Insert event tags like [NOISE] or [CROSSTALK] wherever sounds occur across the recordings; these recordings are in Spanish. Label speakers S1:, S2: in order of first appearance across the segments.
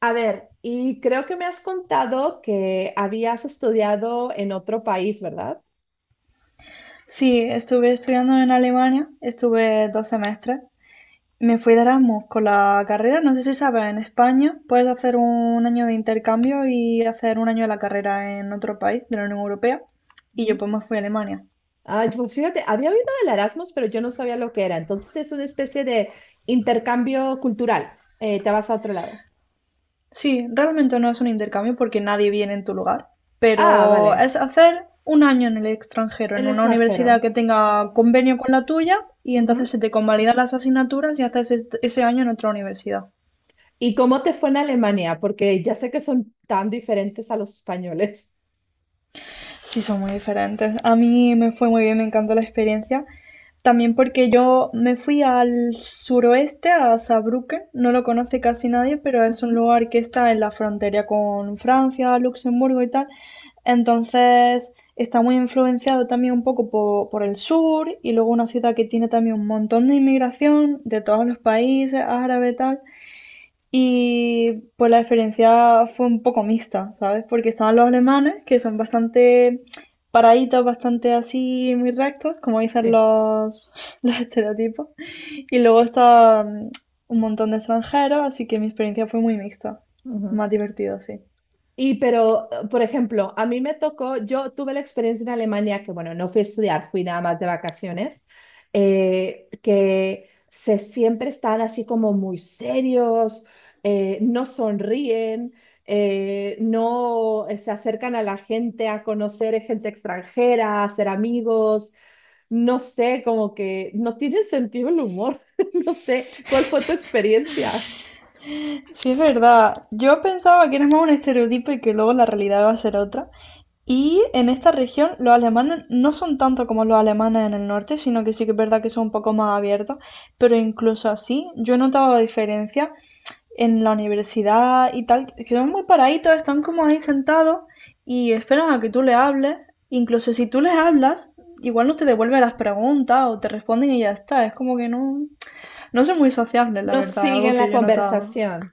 S1: A ver, y creo que me has contado que habías estudiado en otro país, ¿verdad?
S2: Sí, estuve estudiando en Alemania, estuve 2 semestres. Me fui de Erasmus con la carrera, no sé si sabes, en España puedes hacer un año de intercambio y hacer un año de la carrera en otro país de la Unión Europea. Y yo
S1: Ujú.
S2: pues me fui a Alemania.
S1: Ay, pues fíjate, había oído del Erasmus, pero yo no sabía lo que era. Entonces es una especie de intercambio cultural. Te vas a otro lado.
S2: Sí, realmente no es un intercambio porque nadie viene en tu lugar,
S1: Ah,
S2: pero
S1: vale.
S2: es hacer un año en el extranjero, en
S1: El
S2: una
S1: extranjero.
S2: universidad que tenga convenio con la tuya y entonces
S1: Ujú.
S2: se te convalidan las asignaturas y haces ese año en otra universidad.
S1: ¿Y cómo te fue en Alemania? Porque ya sé que son tan diferentes a los españoles.
S2: Sí, son muy diferentes. A mí me fue muy bien, me encantó la experiencia. También porque yo me fui al suroeste, a Saarbrücken. No lo conoce casi nadie, pero es un
S1: Ujú.
S2: lugar que está en la frontera con Francia, Luxemburgo y tal. Entonces está muy influenciado también un poco por, el sur y luego una ciudad que tiene también un montón de inmigración de todos los países, árabe y tal. Y pues la experiencia fue un poco mixta, ¿sabes? Porque estaban los alemanes, que son bastante paraditos, bastante así, muy rectos, como dicen
S1: Sí.
S2: los, [LAUGHS] los estereotipos. Y luego está un montón de extranjeros, así que mi experiencia fue muy mixta. Más divertido, sí.
S1: Y pero, por ejemplo, a mí me tocó, yo tuve la experiencia en Alemania, que bueno, no fui a estudiar, fui nada más de vacaciones, que se siempre están así como muy serios, no sonríen, no se acercan a la gente a conocer gente extranjera, a ser amigos, no sé, como que no tienen sentido el humor, [LAUGHS] no sé, ¿cuál fue tu experiencia?
S2: Sí, es verdad. Yo pensaba que era más un estereotipo y que luego la realidad iba a ser otra. Y en esta región los alemanes no son tanto como los alemanes en el norte, sino que sí que es verdad que son un poco más abiertos, pero incluso así yo he notado la diferencia en la universidad y tal, que son muy paraditos, están como ahí sentados y esperan a que tú les hables. Incluso si tú les hablas, igual no te devuelven las preguntas o te responden y ya está. Es como que no, no son muy sociables, la
S1: No
S2: verdad, algo
S1: siguen
S2: que
S1: la
S2: yo he notado.
S1: conversación,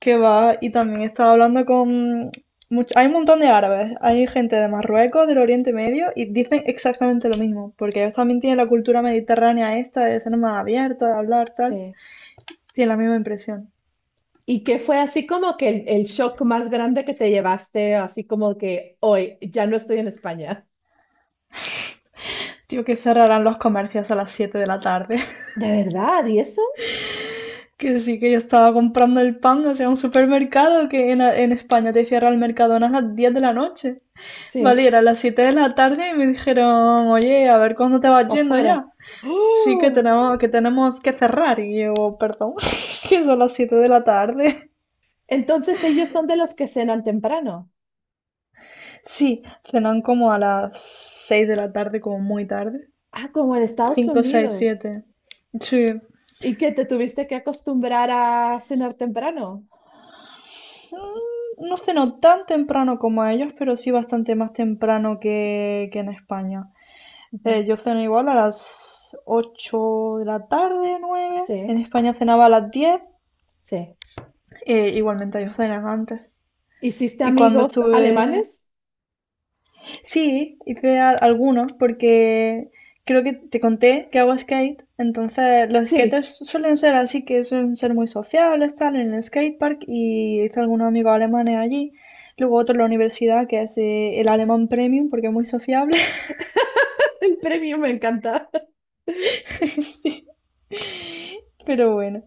S2: Que va, y también estaba hablando con... hay un montón de árabes, hay gente de Marruecos, del Oriente Medio, y dicen exactamente lo mismo, porque ellos también tienen la cultura mediterránea esta de ser más abierta, de hablar, tal.
S1: sí.
S2: Tienen la misma impresión.
S1: ¿Y qué fue así como que el shock más grande que te llevaste, así como que hoy ya no estoy en España?
S2: Tío, que cerrarán los comercios a las 7 de la tarde. [LAUGHS]
S1: ¿De verdad? ¿Y eso?
S2: Que sí, que yo estaba comprando el pan, o sea, un supermercado que en España te cierra el Mercadona a las 10 de la noche. Vale, y
S1: Sí,
S2: era a las 7 de la tarde y me dijeron, oye, a ver cuándo te vas
S1: para
S2: yendo
S1: afuera.
S2: ya. Sí que
S1: ¡Oh!
S2: tenemos, que tenemos que cerrar y yo, perdón, [LAUGHS] que son las 7 de la tarde.
S1: Entonces ellos son de los que cenan temprano.
S2: Sí, cenan como a las 6 de la tarde, como muy tarde.
S1: Ah, como en Estados
S2: 5, 6,
S1: Unidos.
S2: 7. Sí.
S1: Y que te tuviste que acostumbrar a cenar temprano.
S2: No ceno tan temprano como ellos, pero sí bastante más temprano que en España.
S1: Ujú.
S2: Yo ceno igual a las 8 de la tarde, 9.
S1: Sí,
S2: En España cenaba a las 10,
S1: sí.
S2: igualmente ellos cenan antes.
S1: ¿Hiciste
S2: Y cuando
S1: amigos
S2: estuve...
S1: alemanes?
S2: Sí, hice algunos porque creo que te conté que hago skate, entonces los
S1: Sí,
S2: skaters suelen ser así que suelen ser muy sociables, tal, en el skatepark y hice algunos amigos alemanes allí. Luego otro en la universidad que es el alemán premium porque es muy sociable. [LAUGHS]
S1: [LAUGHS] el premio me encanta.
S2: Sí. Pero bueno,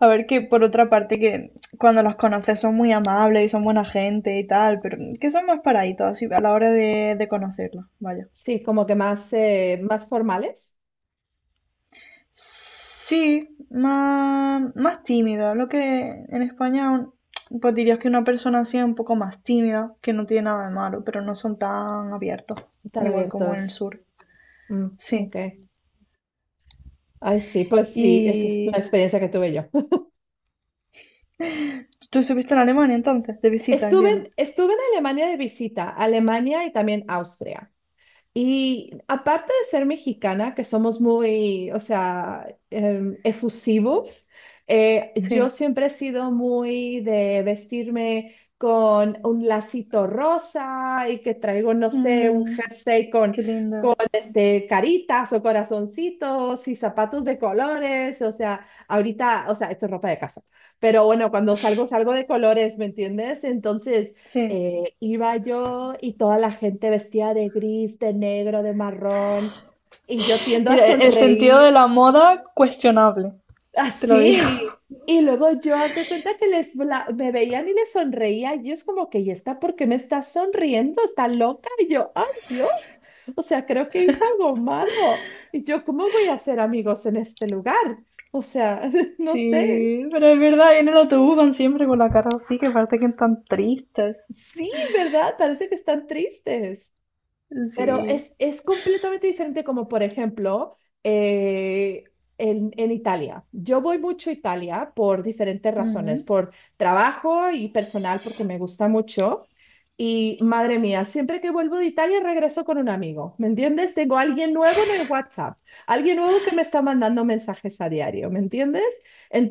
S2: a ver que por otra parte que cuando los conoces son muy amables y son buena gente y tal, pero que son más paraditos así a la hora de conocerlos, vaya.
S1: Sí, como que más, más formales,
S2: Sí, más tímida. Lo que en España, pues dirías que una persona así es un poco más tímida, que no tiene nada de malo, pero no son tan abiertos,
S1: tan
S2: igual como en el
S1: abiertos.
S2: sur.
S1: Mm, ok.
S2: Sí.
S1: Ay, sí, pues sí, esa es la
S2: Y
S1: experiencia que tuve yo.
S2: tú estuviste en Alemania entonces, de
S1: [LAUGHS]
S2: visita,
S1: Estuve
S2: entiendo.
S1: en, estuve en Alemania de visita, Alemania y también Austria. Y aparte de ser mexicana, que somos muy, o sea, efusivos, yo
S2: Sí.
S1: siempre he sido muy de vestirme con un lacito rosa y que traigo, no sé, un
S2: Mm,
S1: jersey con,
S2: qué lindo.
S1: con este, caritas o corazoncitos y zapatos de colores. O sea, ahorita, o sea, esto es ropa de casa, pero bueno, cuando salgo, salgo de colores, ¿me entiendes? Entonces
S2: Sí.
S1: iba yo y toda la gente vestida de gris, de negro, de marrón, y yo tiendo a
S2: Mira, el sentido de
S1: sonreír
S2: la moda, cuestionable, te lo digo.
S1: así.
S2: [LAUGHS]
S1: Y luego yo, haz de cuenta que me veían y les sonreía, y ellos como que, ¿y está por qué me está sonriendo? ¿Está loca? Y yo, ¡ay, Dios! O sea, creo que hice algo malo. Y yo, ¿cómo voy a hacer amigos en este lugar? O sea, [LAUGHS] no sé.
S2: Sí, pero es verdad, en el autobús van siempre con la cara así, que parece que están tristes.
S1: Sí, ¿verdad? Parece que están tristes. Pero
S2: Sí.
S1: es completamente diferente como, por ejemplo, eh, en Italia. Yo voy mucho a Italia por diferentes razones,
S2: Ujú,
S1: por trabajo y personal, porque me gusta mucho. Y madre mía, siempre que vuelvo de Italia regreso con un amigo, ¿me entiendes? Tengo alguien nuevo en el WhatsApp, alguien nuevo que me está mandando mensajes a diario, ¿me entiendes?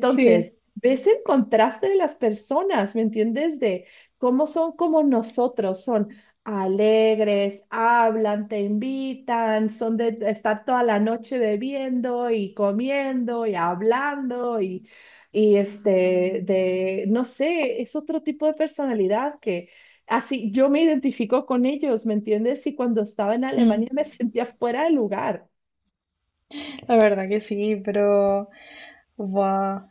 S2: sí,
S1: ves el contraste de las personas, ¿me entiendes? De cómo son como nosotros son alegres, hablan, te invitan, son de estar toda la noche bebiendo y comiendo y hablando y no sé, es otro tipo de personalidad que así yo me identifico con ellos, ¿me entiendes? Y cuando estaba en
S2: mm,
S1: Alemania me [LAUGHS] sentía fuera de lugar.
S2: la verdad que sí, pero buah.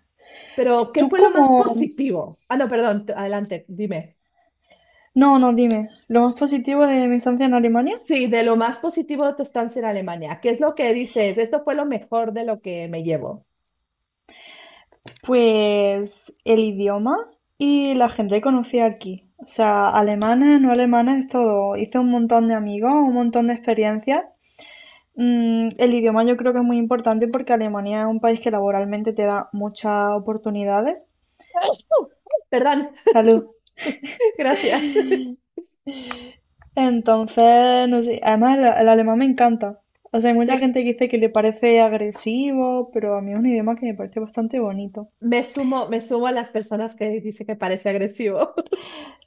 S1: Pero, ¿qué
S2: ¿Tú
S1: fue lo
S2: cómo?
S1: más positivo? Ah, no, perdón, adelante, dime.
S2: No, no, dime. Lo más positivo de mi estancia en Alemania,
S1: Sí, de lo más positivo de tu estancia en Alemania. ¿Qué es lo que dices? Esto fue lo mejor de lo que me llevo.
S2: pues el idioma y la gente que conocí aquí. O sea, alemanes, no alemanes, todo. Hice un montón de amigos, un montón de experiencias. El idioma yo creo que es muy importante porque Alemania es un país que laboralmente te da muchas oportunidades.
S1: [LAUGHS] Perdón,
S2: Salud.
S1: [LAUGHS] gracias. [LAUGHS]
S2: [LAUGHS] Entonces, no sé, además el alemán me encanta. O sea, hay mucha
S1: Sí,
S2: gente que dice que le parece agresivo, pero a mí es un idioma que me parece bastante bonito.
S1: me sumo a las personas que dice que parece agresivo. [LAUGHS]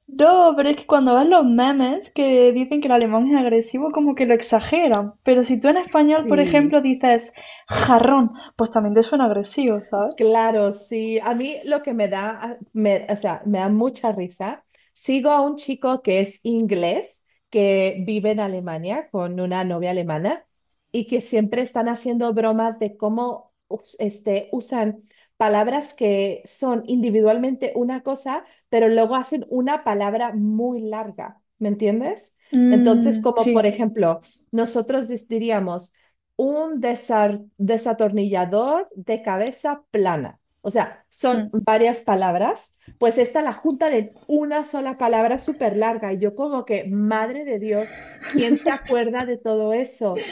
S2: No, pero es que cuando ves los memes que dicen que el alemán es agresivo, como que lo exageran. Pero si tú en español, por
S1: Sí,
S2: ejemplo, dices jarrón, pues también te suena agresivo, ¿sabes?
S1: claro, sí. A mí lo que me da, ah, o sea, me da mucha risa. Sigo a un chico que es inglés, que vive en Alemania con una novia alemana y que siempre están haciendo bromas de cómo usan palabras que son individualmente una cosa, pero luego hacen una palabra muy larga. ¿Me entiendes? Entonces,
S2: Mm,
S1: como por
S2: sí.
S1: ejemplo, nosotros diríamos un desatornillador de cabeza plana. O sea, son varias palabras, pues esta la juntan en una sola palabra súper larga. Y yo como que, madre de Dios, ¿quién se acuerda de todo eso?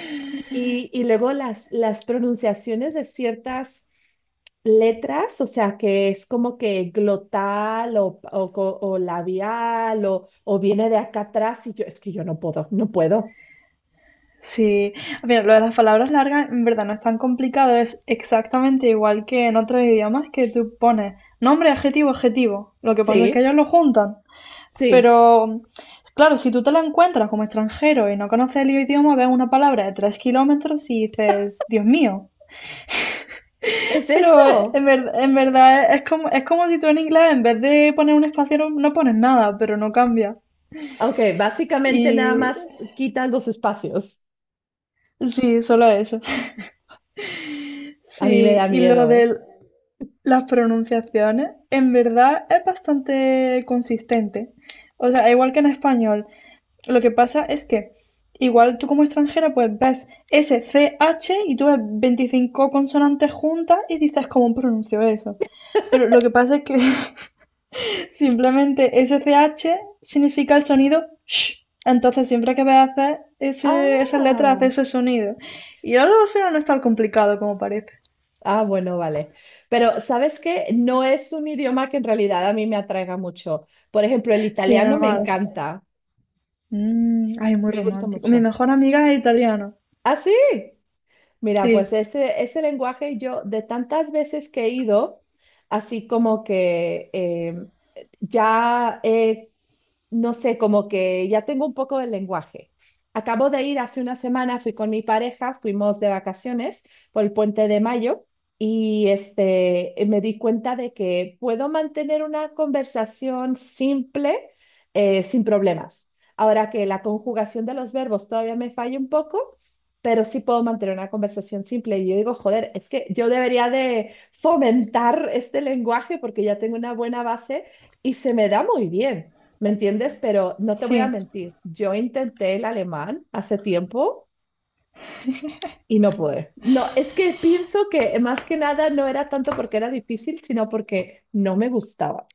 S1: Y luego las pronunciaciones de ciertas letras, o sea, que es como que glotal o labial o viene de acá atrás y yo, es que yo no puedo, no puedo.
S2: Sí, mira, lo de las palabras largas en verdad no es tan complicado, es exactamente igual que en otros idiomas que tú pones nombre, adjetivo, adjetivo. Lo que pasa es que
S1: Sí,
S2: ellos lo juntan.
S1: sí,
S2: Pero, claro, si tú te lo encuentras como extranjero y no conoces el idioma, ves una palabra de 3 kilómetros y dices, Dios mío.
S1: es
S2: Pero eh, en,
S1: eso.
S2: ver- en verdad es como si tú en inglés en vez de poner un espacio no pones nada, pero no cambia.
S1: Ok, básicamente nada
S2: Y
S1: más quitan los espacios.
S2: sí, solo eso.
S1: A mí me
S2: Sí,
S1: da
S2: y lo
S1: miedo, ¿eh?
S2: de las pronunciaciones, en verdad es bastante consistente. O sea, igual que en español. Lo que pasa es que igual tú como extranjera pues ves SCH y tú ves 25 consonantes juntas y dices cómo pronuncio eso. Pero lo que pasa es que [LAUGHS] simplemente SCH significa el sonido sh. Entonces siempre que veas hacer ese, esas letras hace
S1: Ah,
S2: ese sonido. Y ahora al final no es tan complicado como parece.
S1: ah, bueno, vale. Pero ¿sabes qué? No es un idioma que en realidad a mí me atraiga mucho. Por ejemplo, el
S2: Sí,
S1: italiano me
S2: normal.
S1: encanta,
S2: Ay, muy
S1: me gusta
S2: romántico. Mi
S1: mucho.
S2: mejor amiga es italiana.
S1: ¿Ah, sí? Mira, pues
S2: Sí,
S1: ese lenguaje yo de tantas veces que he ido, así como que ya he no sé, como que ya tengo un poco del lenguaje. Acabo de ir hace una semana, fui con mi pareja, fuimos de vacaciones por el puente de mayo y me di cuenta de que puedo mantener una conversación simple sin problemas. Ahora que la conjugación de los verbos todavía me falla un poco, pero sí puedo mantener una conversación simple. Y yo digo, joder, es que yo debería de fomentar este lenguaje porque ya tengo una buena base y se me da muy bien. ¿Me entiendes? Pero no te voy a
S2: sí.
S1: mentir, yo intenté el alemán hace tiempo y no pude. No, es que pienso que más que nada no era tanto porque era difícil, sino porque no me gustaba.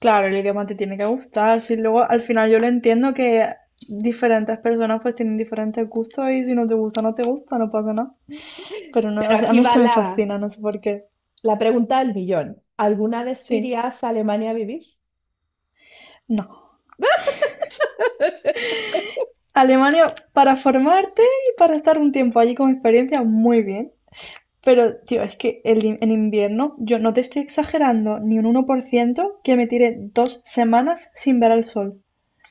S2: Claro, el idioma te tiene que gustar. Sí, luego al final yo lo entiendo que diferentes personas pues tienen diferentes gustos y si no te gusta, no te gusta, no pasa nada. Pero no,
S1: Pero
S2: o sea, a
S1: aquí
S2: mí es
S1: va
S2: que me
S1: la,
S2: fascina, no sé por qué.
S1: la pregunta del millón. ¿Alguna vez te
S2: Sí,
S1: irías a Alemania a vivir?
S2: no. Alemania para formarte y para estar un tiempo allí como experiencia, muy bien. Pero, tío, es que el en invierno, yo no te estoy exagerando ni un 1% que me tiré 2 semanas sin ver al sol.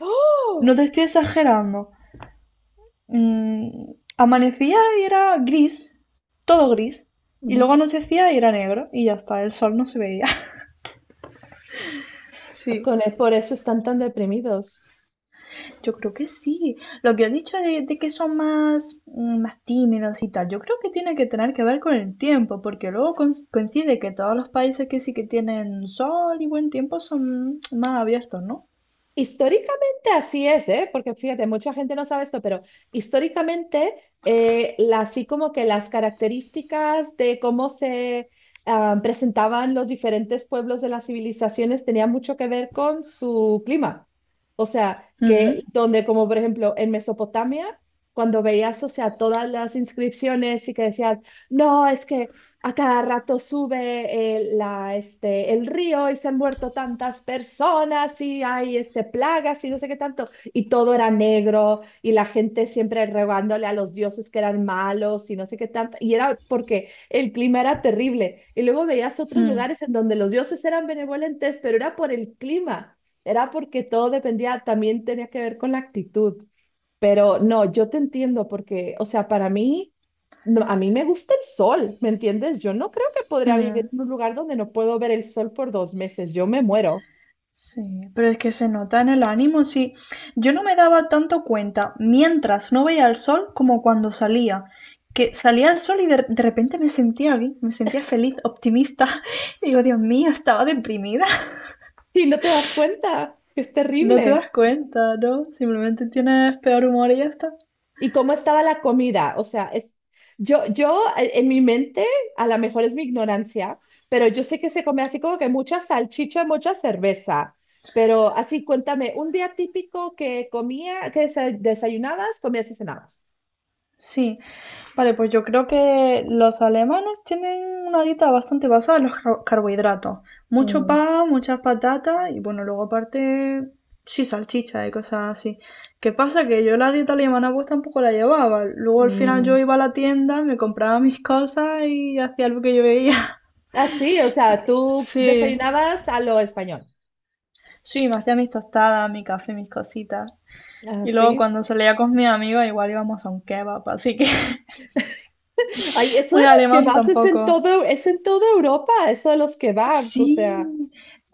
S1: ¡Oh!
S2: No te estoy exagerando. Mm, amanecía y era gris, todo gris. Y
S1: Ujú.
S2: luego anochecía y era negro. Y ya está, el sol no se veía. [LAUGHS] Sí.
S1: Por eso están tan deprimidos.
S2: Yo creo que sí. Lo que has dicho de que son más tímidos y tal, yo creo que tiene que tener que ver con el tiempo, porque luego coincide que todos los países que sí que tienen sol y buen tiempo son más abiertos, ¿no?
S1: Históricamente así es, ¿eh? Porque fíjate, mucha gente no sabe esto, pero históricamente así como que las características de cómo se presentaban los diferentes pueblos de las civilizaciones tenía mucho que ver con su clima. O sea, que
S2: Mm,
S1: donde como por ejemplo en Mesopotamia, cuando veías, o sea, todas las inscripciones y que decías, no, es que a cada rato sube el río y se han muerto tantas personas y hay plagas y no sé qué tanto. Y todo era negro y la gente siempre rogándole a los dioses que eran malos y no sé qué tanto. Y era porque el clima era terrible. Y luego veías otros
S2: mm,
S1: lugares en donde los dioses eran benevolentes, pero era por el clima. Era porque todo dependía, también tenía que ver con la actitud. Pero no, yo te entiendo porque, o sea, para mí, no, a mí me gusta el sol, ¿me entiendes? Yo no creo que podría vivir
S2: mm.
S1: en un lugar donde no puedo ver el sol por 2 meses, yo me muero.
S2: Sí, pero es que se nota en el ánimo, sí. Yo no me daba tanto cuenta mientras no veía el sol como cuando salía. Que salía el sol y de repente me sentía bien, me sentía feliz, optimista. [LAUGHS] Y digo, Dios mío, estaba deprimida. [LAUGHS]
S1: Y no te das cuenta, que es
S2: No te
S1: terrible.
S2: das cuenta, ¿no? Simplemente tienes peor humor y ya está.
S1: ¿Y cómo estaba la comida? O sea, yo en mi mente, a lo mejor es mi ignorancia, pero yo sé que se come así como que mucha salchicha, mucha cerveza. Pero así, cuéntame, un día típico que comía, que desayunabas, comías y cenabas.
S2: Sí, vale, pues yo creo que los alemanes tienen una dieta bastante basada en los carbohidratos. Mucho
S1: Mm,
S2: pan, muchas patatas y bueno, luego aparte, sí, salchicha y cosas así. ¿Qué pasa? Que yo la dieta alemana pues tampoco la llevaba. Luego al final yo
S1: mm.
S2: iba a la tienda, me compraba mis cosas y hacía lo que yo veía. [LAUGHS]
S1: Así, o sea, tú
S2: Sí,
S1: desayunabas a lo español.
S2: sí, me hacía mis tostadas, mi café, mis cositas. Y luego
S1: Así.
S2: cuando salía con mi amiga igual íbamos a un kebab, así que [LAUGHS]
S1: Ay, eso de
S2: muy
S1: los
S2: alemán
S1: kebabs es en
S2: tampoco.
S1: todo, es en toda Europa, eso de los kebabs, o sea.
S2: Sí,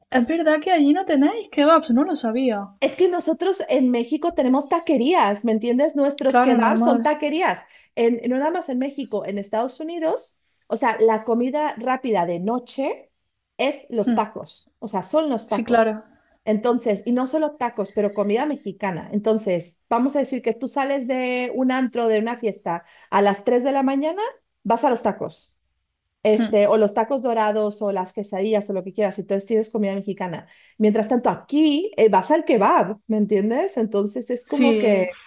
S2: es verdad que allí no tenéis kebabs, no lo sabía.
S1: Es que nosotros en México tenemos taquerías, ¿me entiendes? Nuestros
S2: Claro,
S1: kebabs
S2: normal.
S1: son taquerías. No nada más en México, en Estados Unidos, o sea, la comida rápida de noche es los
S2: Hmm,
S1: tacos, o sea, son los
S2: sí,
S1: tacos.
S2: claro.
S1: Entonces, y no solo tacos, pero comida mexicana. Entonces, vamos a decir que tú sales de un antro, de una fiesta, a las 3 de la mañana, vas a los tacos
S2: Hmm,
S1: o los tacos dorados o las quesadillas o lo que quieras, entonces tienes comida mexicana. Mientras tanto, aquí vas al kebab, ¿me entiendes? Entonces es como
S2: sí,
S1: que,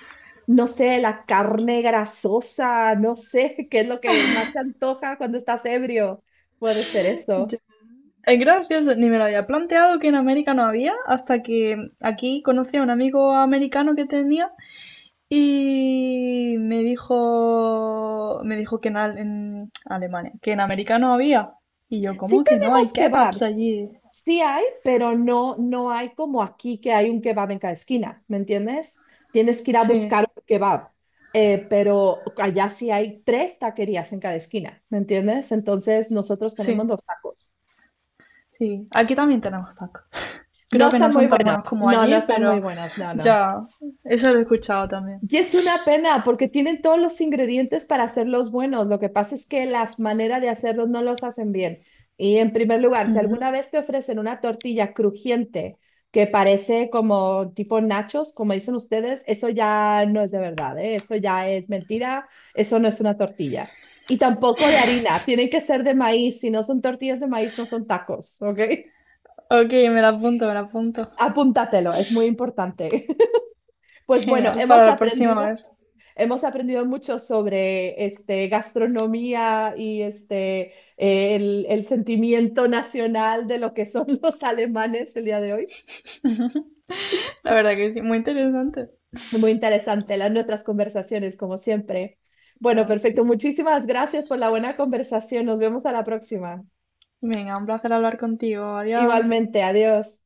S1: no sé, la carne grasosa, no sé, [LAUGHS] qué es lo que más se antoja cuando estás ebrio. Puede ser eso.
S2: ya- es gracioso, ni me lo había planteado que en América no había, hasta que aquí conocí a un amigo americano que tenía y me dijo que en, en Alemania, que en América no había. Y yo,
S1: Sí
S2: ¿cómo que no? Hay
S1: tenemos
S2: kebabs
S1: kebabs,
S2: allí.
S1: sí hay, pero no, no hay como aquí que hay un kebab en cada esquina, ¿me entiendes? Tienes que ir a
S2: Sí,
S1: buscar un kebab, pero allá sí hay tres taquerías en cada esquina, ¿me entiendes? Entonces nosotros tenemos
S2: sí,
S1: los tacos.
S2: sí. Aquí también tenemos tacos.
S1: No
S2: Creo que no
S1: están muy
S2: son tan
S1: buenos,
S2: buenos como
S1: no, no
S2: allí,
S1: están muy
S2: pero
S1: buenos, no, no.
S2: ya, eso lo he escuchado también.
S1: Y es una pena porque tienen todos los ingredientes para hacerlos buenos. Lo que pasa es que la manera de hacerlos no los hacen bien. Y en primer lugar, si
S2: Ujú.
S1: alguna vez te ofrecen una tortilla crujiente que parece como tipo nachos, como dicen ustedes, eso ya no es de verdad, ¿eh? Eso ya es mentira, eso no es una tortilla. Y tampoco de harina, tienen que ser de maíz. Si no son tortillas de maíz, no son tacos, ¿ok? [LAUGHS]
S2: Ok, me la apunto, me la apunto.
S1: Apúntatelo, es muy importante. [LAUGHS] Pues bueno,
S2: Genial, para
S1: hemos
S2: la próxima
S1: aprendido.
S2: vez.
S1: Hemos aprendido mucho sobre gastronomía y el sentimiento nacional de lo que son [LAUGHS] los alemanes el día de hoy.
S2: La verdad que sí, muy interesante.
S1: Muy interesante las nuestras conversaciones, como siempre. Bueno,
S2: Como si...
S1: perfecto. Muchísimas gracias por la buena conversación. Nos vemos a la próxima.
S2: Venga, un placer hablar contigo. Adiós.
S1: Igualmente, adiós.